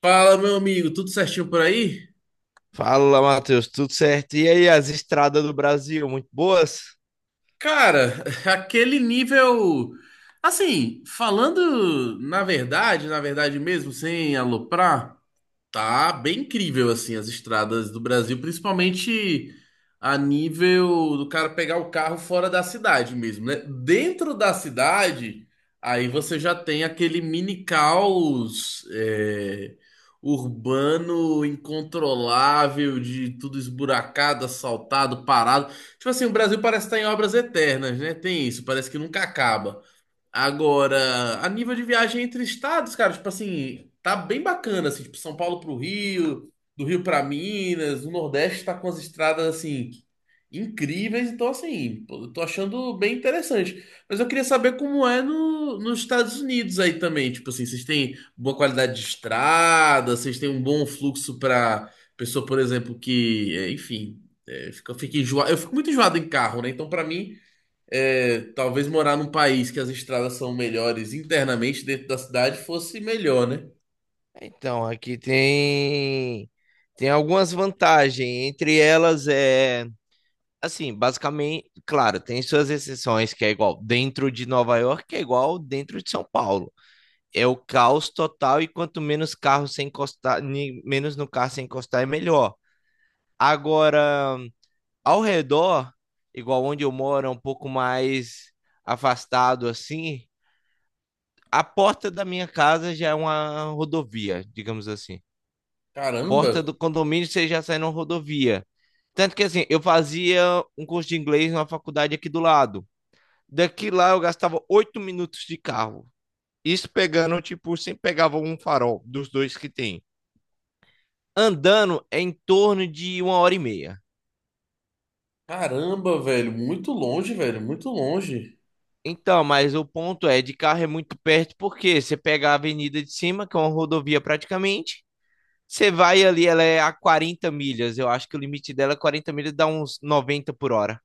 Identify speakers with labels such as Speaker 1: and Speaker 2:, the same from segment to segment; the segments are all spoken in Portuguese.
Speaker 1: Fala, meu amigo, tudo certinho por aí?
Speaker 2: Fala, Matheus, tudo certo? E aí, as estradas do Brasil, muito boas?
Speaker 1: Cara, aquele nível. Assim, falando na verdade mesmo, sem aloprar. Tá bem incrível, assim, as estradas do Brasil, principalmente a nível do cara pegar o carro fora da cidade mesmo, né? Dentro da cidade, aí você já tem aquele mini caos urbano incontrolável, de tudo esburacado, assaltado, parado. Tipo assim, o Brasil parece estar em obras eternas, né? Tem isso, parece que nunca acaba. Agora, a nível de viagem entre estados, cara, tipo assim, tá bem bacana, assim, tipo São Paulo pro Rio, do Rio pra Minas, o Nordeste tá com as estradas, assim, incríveis, então, assim, pô, eu tô achando bem interessante. Mas eu queria saber como é no, nos Estados Unidos aí também, tipo assim, vocês têm boa qualidade de estrada, vocês têm um bom fluxo pra pessoa, por exemplo, enfim, fica enjoa... eu fico muito enjoado em carro, né? Então, pra mim talvez morar num país que as estradas são melhores internamente dentro da cidade fosse melhor, né?
Speaker 2: Então, aqui tem algumas vantagens, entre elas é, assim, basicamente, claro, tem suas exceções que é igual dentro de Nova York, que é igual dentro de São Paulo. É o caos total, e quanto menos carro sem encostar, menos no carro sem encostar é melhor. Agora, ao redor, igual onde eu moro, é um pouco mais afastado assim, a porta da minha casa já é uma rodovia, digamos assim.
Speaker 1: Caramba,
Speaker 2: Porta do condomínio, você já sai numa rodovia. Tanto que assim, eu fazia um curso de inglês numa faculdade aqui do lado. Daqui lá eu gastava 8 minutos de carro. Isso pegando, tipo, sempre pegava um farol dos dois que tem. Andando é em torno de uma hora e meia.
Speaker 1: caramba, velho, muito longe, velho, muito longe.
Speaker 2: Então, mas o ponto é, de carro é muito perto, porque você pega a avenida de cima, que é uma rodovia praticamente. Você vai ali, ela é a 40 milhas. Eu acho que o limite dela é 40 milhas, dá uns 90 por hora.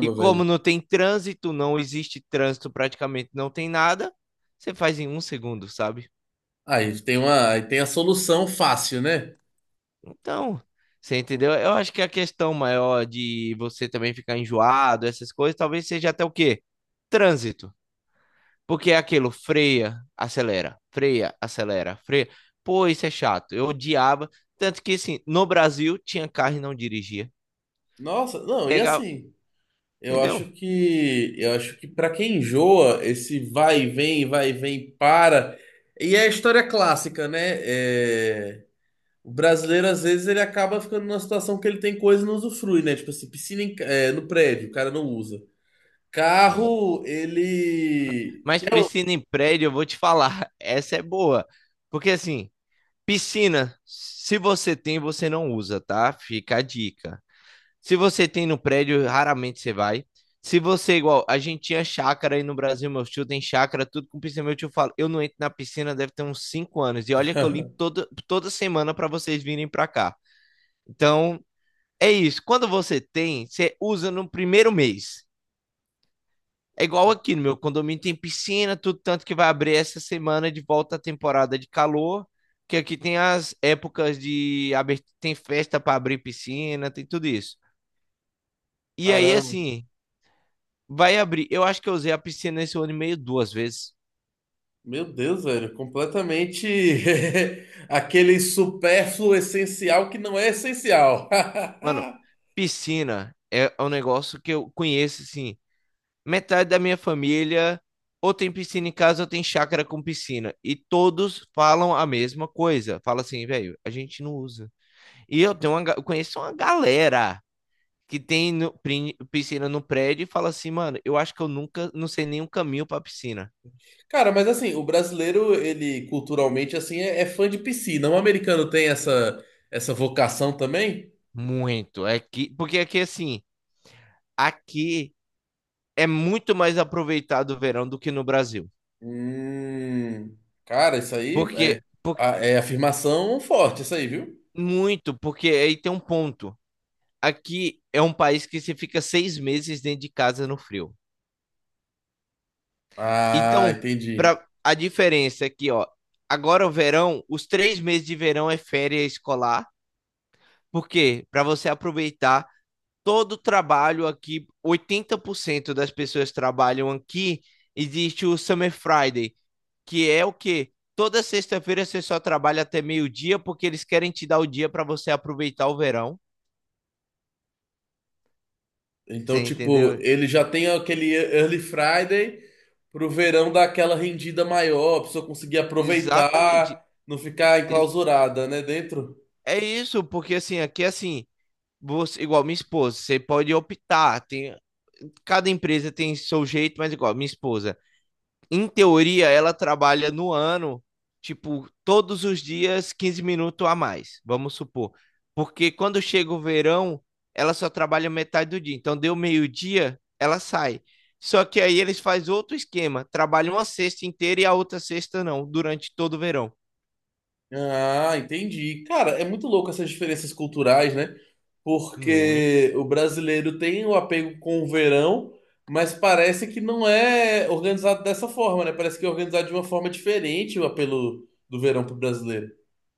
Speaker 2: E
Speaker 1: velho.
Speaker 2: como não tem trânsito, não existe trânsito, praticamente não tem nada, você faz em um segundo, sabe?
Speaker 1: Aí tem uma, aí tem a solução fácil, né?
Speaker 2: Então, você entendeu? Eu acho que a questão maior de você também ficar enjoado, essas coisas, talvez seja até o quê? Trânsito. Porque é aquilo, freia, acelera, freia, acelera, freia. Pô, isso é chato. Eu odiava. Tanto que, assim, no Brasil tinha carro e não dirigia.
Speaker 1: Nossa, não, e
Speaker 2: Legal,
Speaker 1: assim, eu acho
Speaker 2: entendeu?
Speaker 1: que eu acho que para quem enjoa esse vai e vem, para. E é a história clássica, né? É, o brasileiro, às vezes, ele acaba ficando numa situação que ele tem coisa e não usufrui, né? Tipo assim, piscina em ca- é, no prédio, o cara não usa. Carro, ele.
Speaker 2: Mas piscina em prédio, eu vou te falar, essa é boa. Porque assim, piscina, se você tem, você não usa, tá? Fica a dica. Se você tem no prédio, raramente você vai. Se você, igual, a gente tinha chácara aí no Brasil, meu tio tem chácara, tudo com piscina. Meu tio fala, eu não entro na piscina, deve ter uns 5 anos. E olha que eu limpo todo, toda semana pra vocês virem pra cá. Então, é isso. Quando você tem, você usa no primeiro mês. É igual aqui no meu condomínio tem piscina, tudo, tanto que vai abrir essa semana de volta a temporada de calor, que aqui tem as épocas de abertura, tem festa para abrir piscina, tem tudo isso. E aí
Speaker 1: Caramba.
Speaker 2: assim, vai abrir. Eu acho que eu usei a piscina esse ano e meio duas vezes.
Speaker 1: Meu Deus, velho. Completamente aquele supérfluo essencial que não é essencial.
Speaker 2: Mano, piscina é um negócio que eu conheço assim, metade da minha família ou tem piscina em casa ou tem chácara com piscina, e todos falam a mesma coisa. Fala assim, velho, a gente não usa. E eu tenho uma, eu conheço uma galera que tem piscina no prédio, e fala assim, mano, eu acho que eu nunca, não sei nenhum caminho pra piscina.
Speaker 1: Cara, mas assim, o brasileiro, ele culturalmente, assim, é fã de piscina. O americano tem essa vocação também?
Speaker 2: Muito. É que, porque aqui, assim, aqui é muito mais aproveitado o verão do que no Brasil.
Speaker 1: Hum, cara, isso aí é,
Speaker 2: Porque,
Speaker 1: a- é afirmação forte, isso aí, viu?
Speaker 2: muito, porque aí tem um ponto. Aqui é um país que você fica 6 meses dentro de casa no frio.
Speaker 1: Ah,
Speaker 2: Então,
Speaker 1: entendi.
Speaker 2: pra, a diferença é que, ó, agora o verão, os 3 meses de verão é férias escolar. Porque para você aproveitar todo o trabalho aqui, 80% das pessoas trabalham aqui, existe o Summer Friday, que é o quê? Toda sexta-feira você só trabalha até meio-dia, porque eles querem te dar o dia para você aproveitar o verão. Você
Speaker 1: Então, tipo,
Speaker 2: entendeu?
Speaker 1: ele já tem aquele Early Friday pro verão dar aquela rendida maior, a pessoa conseguir
Speaker 2: Exatamente.
Speaker 1: aproveitar, não ficar
Speaker 2: Ex-
Speaker 1: enclausurada, né, dentro.
Speaker 2: É isso, porque assim, aqui assim, você, igual minha esposa, você pode optar, tem, cada empresa tem seu jeito, mas igual minha esposa em teoria, ela trabalha no ano, tipo, todos os dias 15 minutos a mais, vamos supor. Porque quando chega o verão, ela só trabalha metade do dia. Então, deu meio-dia, ela sai. Só que aí eles fazem outro esquema, trabalham uma sexta inteira e a outra sexta não, durante todo o verão.
Speaker 1: Ah, entendi. Cara, é muito louco essas diferenças culturais, né?
Speaker 2: Muito.
Speaker 1: Porque o brasileiro tem o apego com o verão, mas parece que não é organizado dessa forma, né? Parece que é organizado de uma forma diferente o apelo do verão pro brasileiro.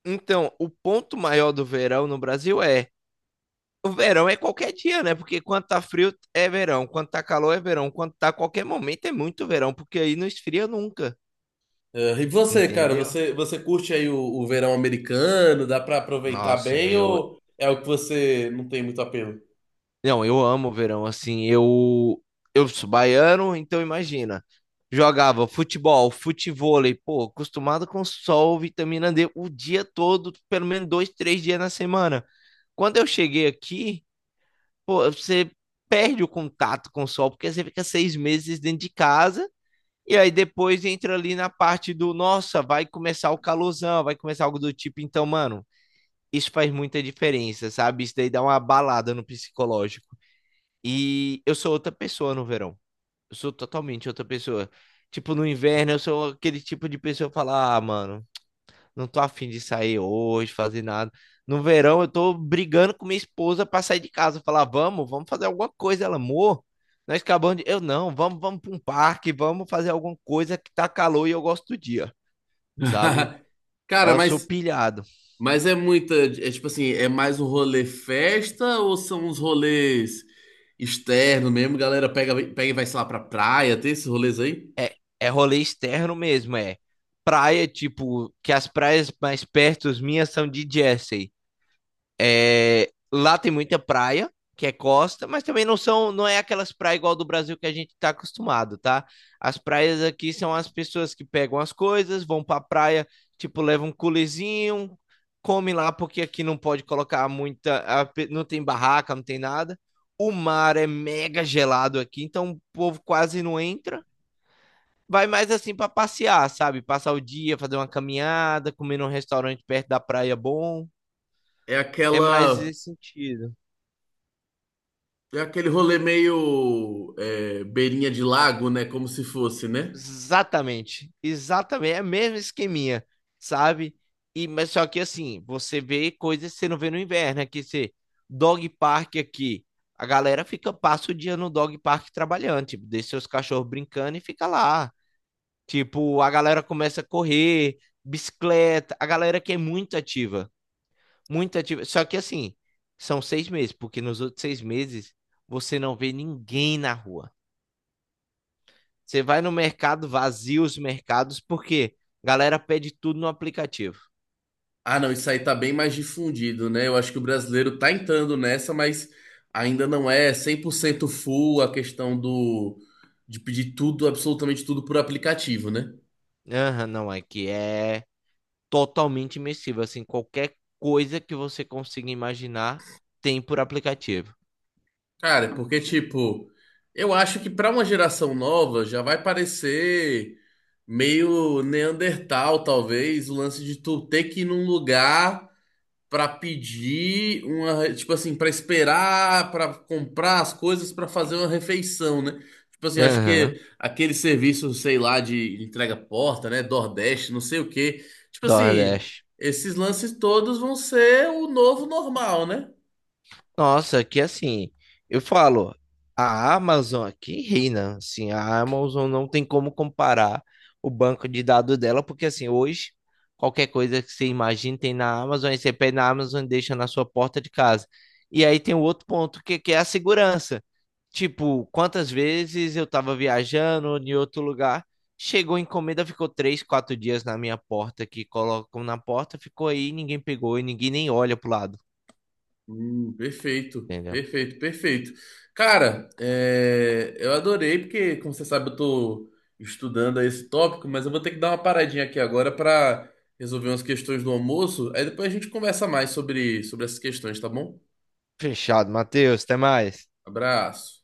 Speaker 2: Então, o ponto maior do verão no Brasil é o verão é qualquer dia, né? Porque quando tá frio é verão, quando tá calor é verão, quando tá qualquer momento é muito verão, porque aí não esfria nunca.
Speaker 1: Ah, e você, cara,
Speaker 2: Entendeu?
Speaker 1: você curte aí o verão americano? Dá pra aproveitar
Speaker 2: Nossa,
Speaker 1: bem
Speaker 2: eu.
Speaker 1: ou é o que você não tem muito apelo?
Speaker 2: Não, eu amo o verão, assim. Eu sou baiano, então imagina. Jogava futebol, futevôlei, pô, acostumado com sol, vitamina D o dia todo, pelo menos dois, três dias na semana. Quando eu cheguei aqui, pô, você perde o contato com o sol, porque você fica seis meses dentro de casa, e aí depois entra ali na parte do, nossa, vai começar o calorzão, vai começar algo do tipo, então, mano, isso faz muita diferença, sabe? Isso daí dá uma balada no psicológico. E eu sou outra pessoa no verão. Eu sou totalmente outra pessoa. Tipo, no inverno eu sou aquele tipo de pessoa que fala, ah, mano, não tô afim de sair hoje, fazer nada. No verão eu tô brigando com minha esposa pra sair de casa, falar, vamos fazer alguma coisa, ela, amor. Nós acabamos de. Eu não, vamos pra um parque, vamos fazer alguma coisa que tá calor e eu gosto do dia, sabe?
Speaker 1: Cara,
Speaker 2: Eu sou
Speaker 1: mas
Speaker 2: pilhado.
Speaker 1: Mas é muita, é tipo assim, é mais um rolê festa ou são uns rolês externos mesmo? Galera pega, pega e vai, sei lá, pra praia, tem esses rolês aí?
Speaker 2: É, é rolê externo mesmo, é. Praia, tipo, que as praias mais perto as minhas são de Jersey. É, lá tem muita praia, que é costa, mas também não são, não é aquelas praias igual do Brasil que a gente tá acostumado, tá? As praias aqui são as pessoas que pegam as coisas, vão pra praia, tipo, levam um culezinho, come lá, porque aqui não pode colocar muita, não tem barraca, não tem nada. O mar é mega gelado aqui, então o povo quase não entra, vai mais assim pra passear, sabe? Passar o dia, fazer uma caminhada, comer num restaurante perto da praia bom.
Speaker 1: É
Speaker 2: É mais
Speaker 1: aquela,
Speaker 2: esse sentido.
Speaker 1: é aquele rolê meio é, beirinha de lago, né? Como se fosse, né?
Speaker 2: Exatamente. Exatamente. É o mesmo esqueminha, sabe? E, mas só que assim, você vê coisas que você não vê no inverno. Aqui você, dog park aqui. A galera fica, passa o dia no dog park trabalhando, tipo, deixa seus cachorros brincando e fica lá. Tipo, a galera começa a correr, bicicleta, a galera que é muito ativa. Muita atividade. Só que assim, são 6 meses, porque nos outros 6 meses você não vê ninguém na rua. Você vai no mercado, vazia os mercados, porque a galera pede tudo no aplicativo.
Speaker 1: Ah, não, isso aí tá bem mais difundido, né? Eu acho que o brasileiro tá entrando nessa, mas ainda não é 100% full a questão de pedir tudo, absolutamente tudo por aplicativo, né?
Speaker 2: Aham, não, é que é totalmente imersivo. Assim, qualquer coisa que você consiga imaginar tem por aplicativo.
Speaker 1: Cara, é porque, tipo, eu acho que pra uma geração nova já vai parecer meio Neandertal, talvez, o lance de tu ter que ir num lugar pra pedir uma, tipo assim, pra esperar, pra comprar as coisas, pra fazer uma refeição, né? Tipo assim, eu acho
Speaker 2: Aham,
Speaker 1: que aquele serviço, sei lá, de entrega porta, né, Nordeste, não sei o quê. Tipo assim,
Speaker 2: Nordeste.
Speaker 1: esses lances todos vão ser o novo normal, né?
Speaker 2: Nossa, que assim, eu falo, a Amazon aqui reina, assim, a Amazon não tem como comparar o banco de dados dela, porque assim, hoje, qualquer coisa que você imagine tem na Amazon, aí você pede na Amazon e deixa na sua porta de casa. E aí tem o outro ponto, que, é a segurança. Tipo, quantas vezes eu tava viajando em outro lugar, chegou a encomenda, ficou três, quatro dias na minha porta, que colocam na porta, ficou aí, ninguém pegou e ninguém nem olha pro lado,
Speaker 1: Perfeito,
Speaker 2: entendeu?
Speaker 1: perfeito, perfeito. Cara, é, eu adorei, porque, como você sabe, eu tô estudando esse tópico, mas eu vou ter que dar uma paradinha aqui agora para resolver umas questões do almoço. Aí depois a gente conversa mais sobre essas questões, tá bom?
Speaker 2: Fechado, Matheus. Até mais.
Speaker 1: Abraço.